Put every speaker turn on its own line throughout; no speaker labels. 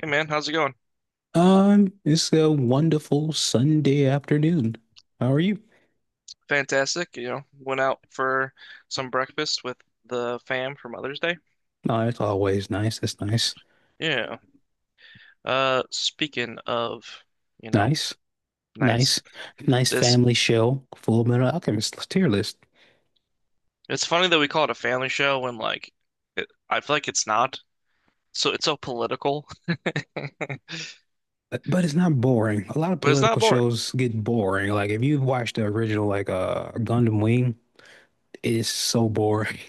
Hey man, how's it going?
It's a wonderful Sunday afternoon. How are you?
Fantastic. You know, went out for some breakfast with the fam for Mother's Day.
Oh, it's always nice. It's nice.
Yeah. Speaking of, you know,
Nice.
nice.
Nice. Nice
This
family show. Full Metal Alchemist tier list.
It's funny that we call it a family show when I feel like it's not. So it's so political, but
But it's not boring. A lot of
it's not
political
boring.
shows get boring. Like if you've watched the original like Gundam Wing, it is so boring.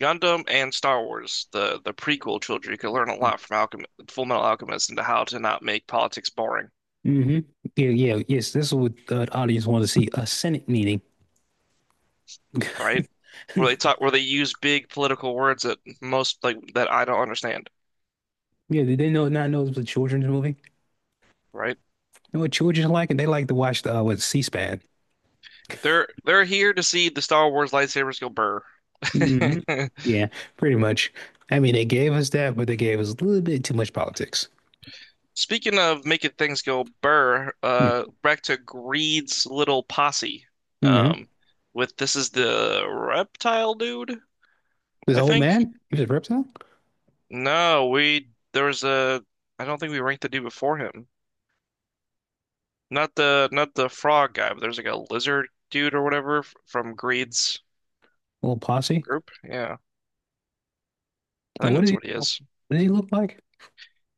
Gundam and Star Wars, the prequel trilogy, could learn a lot from Alchem Full Metal Alchemist into how to not make politics boring,
Hmm. Yeah, yeah, yes. This is what the audience wanted to see. A Senate meeting.
right? Where they talk, where they use big political words that most like that I don't understand.
Yeah, did they know not know it was a children's movie? You
Right?
know what children like? And they like to watch the what, C-SPAN.
They're here to see the Star Wars lightsabers go burr.
Hmm. Yeah, pretty much. I mean, they gave us that, but they gave us a little bit too much politics.
Speaking of making things go burr,
Hmm.
back to Greed's little posse.
Mm-hmm.
Um, with This is the reptile dude,
This
I
old
think.
man, he was a reptile,
No, we there was a I don't think we ranked the dude before him. Not the frog guy, but there's like a lizard dude or whatever from Greed's
a little posse.
group. Yeah, I
Now,
think
what did
that's
he,
what he
what
is.
did he look like?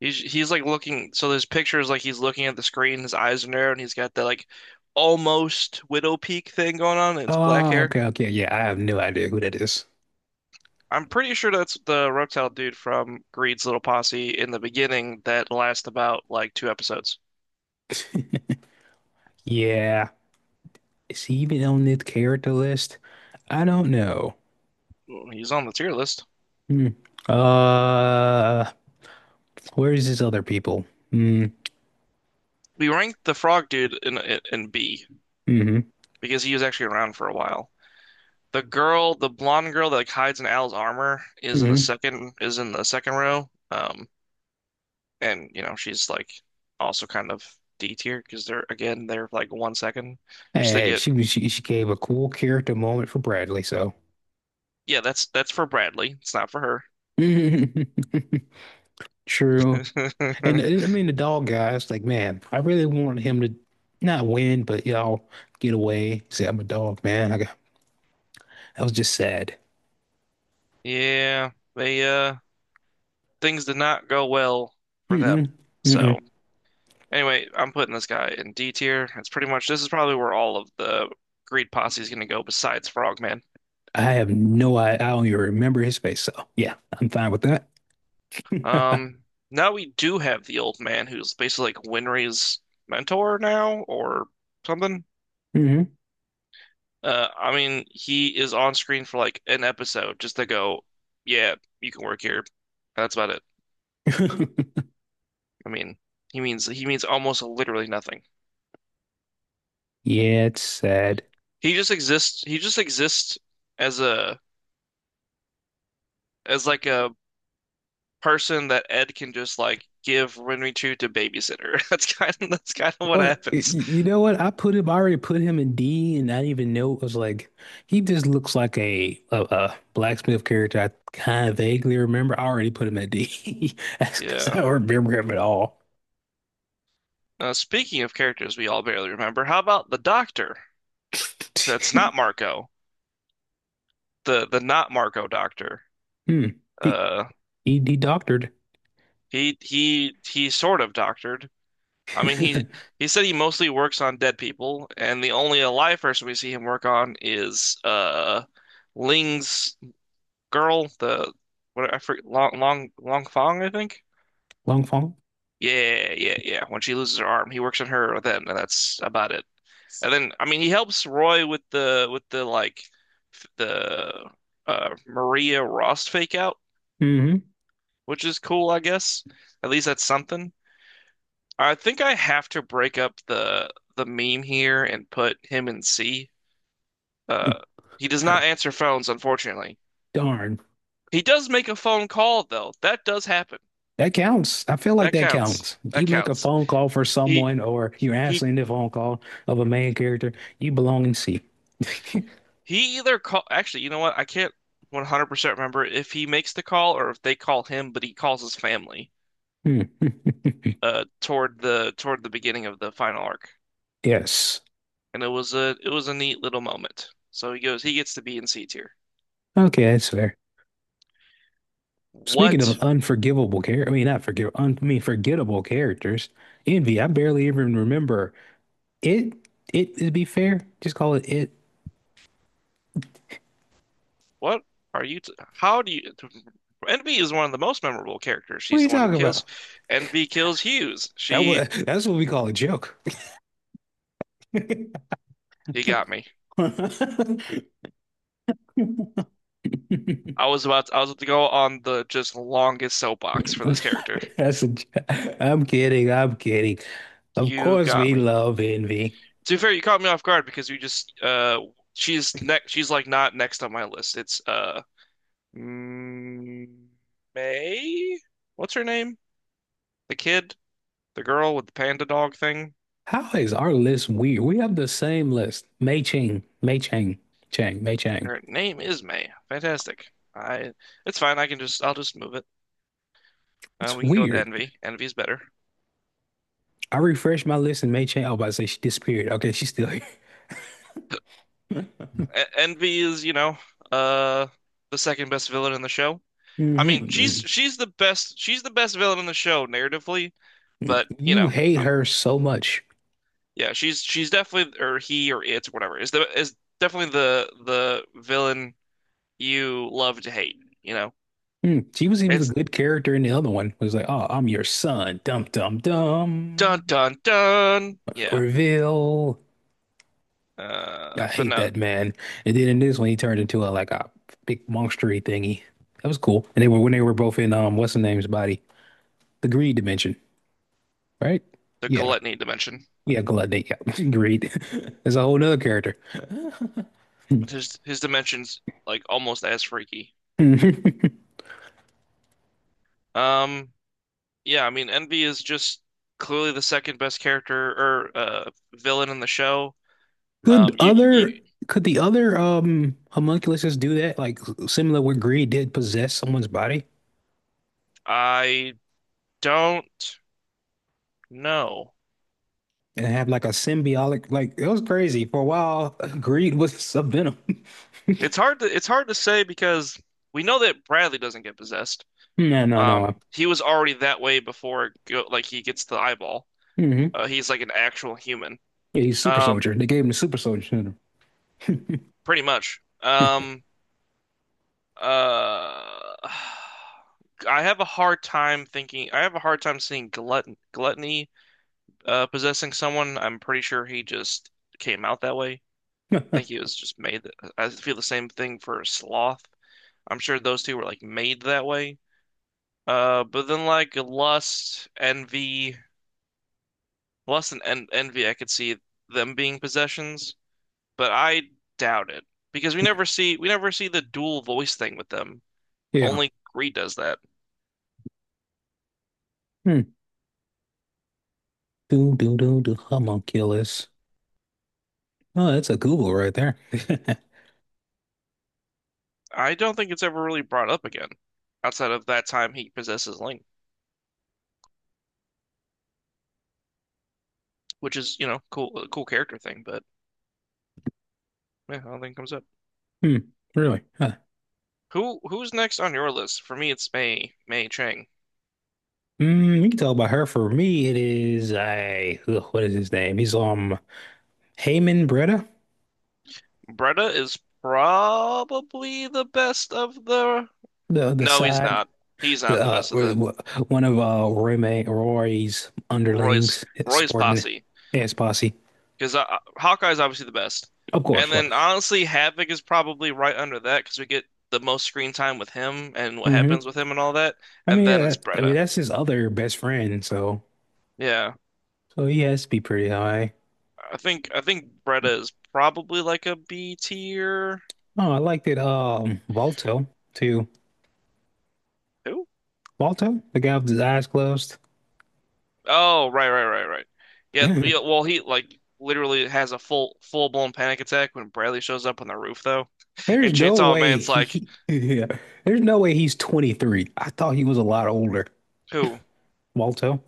He's like looking. So there's pictures like he's looking at the screen. His eyes are narrowed, and he's got that like almost widow peak thing going on. And it's black
Oh,
hair.
okay, okay, yeah. I have no idea who that is.
I'm pretty sure that's the reptile dude from Greed's Little Posse in the beginning that lasts about like two episodes.
Yeah, is he even on this character list? I don't know.
Well, he's on the tier list.
Hmm. Uh, where's his other people? Mm,
We ranked the frog dude in B
mm-hmm,
because he was actually around for a while. The girl, the blonde girl that like hides in Al's armor, is in the
mm-hmm.
second is in the second row. And you know she's like also kind of D tier because they're again they're like one second
Hey,
just to
hey,
get.
she gave a cool character moment for Bradley, so.
Yeah, that's for Bradley, it's not for
True. And
her.
I mean, the dog guy, it's like, man, I really wanted him to not win, but y'all get away. Say, I'm a dog, man. I got, that was just sad.
Yeah, they things did not go well for
Mm-mm,
them.
mm-mm.
So anyway, I'm putting this guy in D tier. That's pretty much, this is probably where all of the greed posse is gonna go besides Frogman.
I have no, I don't even remember his face. So yeah, I'm fine with that.
um Now we do have the old man who's basically like Winry's mentor now or something.
Hmm.
I mean, he is on screen for like an episode just to go, yeah, you can work here. That's about it. I mean, he means almost literally nothing.
Yeah, it's sad.
He just exists. He just exists as a as like a person that Ed can just like give Renry to babysitter. That's kind of what happens.
You know what? I already put him in D and I didn't even know it was like he just looks like a blacksmith character I kind of vaguely remember. I already put him at D. That's because I
Yeah.
don't remember him at all.
Speaking of characters we all barely remember, how about the doctor? That's not Marco. The not Marco doctor.
Hmm. He,
Uh,
he doctored.
he sort of doctored. I mean, he he said he mostly works on dead people, and the only alive person we see him work on is Ling's girl, the what, I forget, Long Fong, I think.
Long Fong.
Yeah, yeah, yeah. When she loses her arm, he works on her then, and that's about it. And then, I mean, he helps Roy with the like f- the Maria Rost fake out,
Hmm.
which is cool, I guess. At least that's something. I think I have to break up the meme here and put him in C. Uh, he does not answer phones, unfortunately.
Darn.
He does make a phone call though. That does happen.
That counts. I feel like
That
that
counts.
counts.
That
You make a
counts.
phone call for
He
someone or you're
he
answering the phone call of a main character, you belong in C.
he either call actually, you know what? I can't 100% remember if he makes the call or if they call him, but he calls his family
Hmm.
toward the beginning of the final arc.
Yes.
And it was a neat little moment. So he gets to be in C tier.
Okay, that's fair. Speaking of
What
unforgivable character, I mean not forgive, un I mean forgettable characters. Envy, I barely even remember it. It to be fair, just call it it.
What are you? T How do you? Envy is one of the most memorable characters.
What are
She's
you
the one who
talking about?
kills. Envy kills Hughes. She
That's what we call a joke.
He got me. I was about to, I was about to go on the just longest soapbox for this character.
That's a, j- I'm kidding. I'm kidding. Of
You
course,
got
we
me.
love envy.
To be fair, you caught me off guard because you just she's next. She's like not next on my list. Mm, May. What's her name? The kid, the girl with the panda dog thing.
How is our list weird? We have the same list. Mei Ching, Mei Chang, Chang, Mei Chang.
Her name is May. Fantastic. I It's fine. I'll just move it.
It's
We can go with
weird.
Envy. Envy is better.
I refreshed my list and made change. I was about to say she disappeared. Okay, she's still here.
Envy is, you know, uh the second best villain in the show. I mean,
Hmm.
she's the best villain in the show narratively, but you
You
know,
hate
um,
her so much.
yeah, she's definitely, or he or it or whatever, is the is definitely the villain you love to hate, you know.
Hmm. She was even a
It's
good character in the other one. It was like, oh, I'm your son. Dum dum
dun
dum.
dun dun. Yeah.
Reveal. I
But
hate
no,
that man. And then in this one, he turned into a like a big monstery thingy. That was cool. And they were when they were both in what's the name's body? The greed dimension, right?
the
Yeah.
gluttony dimension.
Yeah, Gluttony. Yeah. Greed. That's a whole nother character.
His dimensions like almost as freaky. Um, yeah, I mean Envy is just clearly the second best character or villain in the show.
Could
You, you
other could the other homunculuses do that? Like similar where greed did possess someone's body
I don't know.
and have like a symbiotic like it was crazy. For a while, greed was a venom.
It's hard to say because we know that Bradley doesn't get possessed.
No, no,
Um,
no.
he was already that way before it go, like he gets the eyeball.
Hmm. Yeah,
He's like an actual human.
he's super
Um,
soldier. They gave him the super soldier syndrome.
Pretty much. Uh, I have a hard time thinking. I have a hard time seeing gluttony possessing someone. I'm pretty sure he just came out that way. I think he was just made. I feel the same thing for sloth. I'm sure those two were like made that way. But then like lust and en envy, I could see them being possessions, but I doubt it because we never see the dual voice thing with them.
Yeah.
Only Greed does that.
Hmm. Do do do do homunculus. Oh, that's a Google right there.
I don't think it's ever really brought up again, outside of that time he possesses Link, which is, you know, cool, a cool character thing. But yeah, I don't think it comes up.
Hmm. Really? Huh.
Who's next on your list? For me, it's Mei Chang.
Mm, you can tell by her. For me, it is I. Ugh, what is his name? He's Haman Breda,
Bretta is probably the best of the.
the
No, he's
side
not. He's not the
uh,
best of the
one of roommate Rory's
Roy's
underlings, his
Roy's
subordinate,
posse
his posse.
because Hawkeye's obviously the best,
Of
and
course. What?
then honestly, Havoc is probably right under that because we get the most screen time with him and what
Hmm.
happens with him and all that, and then it's
I mean
Bretta.
that's his other best friend. So,
Yeah.
so he has to be pretty high.
I think Bretta is probably like a B tier.
Oh, I liked it. Balto too.
Who?
Balto, the guy with his eyes closed.
Oh, right, right. Yeah,
There's
yeah. Well, he like literally has a full blown panic attack when Bradley shows up on the roof, though. And
no
Chainsaw
way
Man's like,
he. Yeah. There's no way he's 23. I thought he was a lot older.
who?
Balto.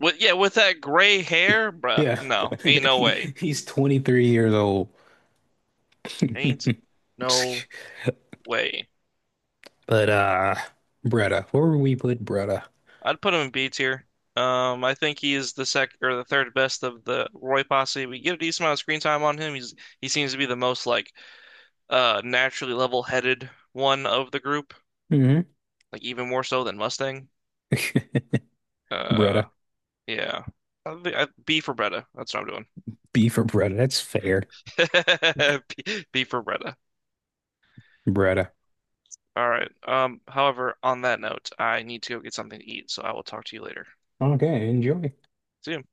With yeah, with that gray hair, bruh.
Yeah.
No, ain't no
He-
way.
he's 23 years old.
Ain't no way.
But Bretta, where would we put Bretta?
I'd put him in B tier. I think he is the sec or the third best of the Roy posse. We get a decent amount of screen time on him. He seems to be the most like naturally level-headed one of the group,
Mm-hmm.
like even more so than Mustang. Uh,
Bretta.
yeah. B for Bretta. That's what I'm doing.
B for Bretta. That's fair.
B for Bretta.
Bretta.
All right. However, on that note, I need to go get something to eat, so I will talk to you later.
Okay, enjoy.
See you.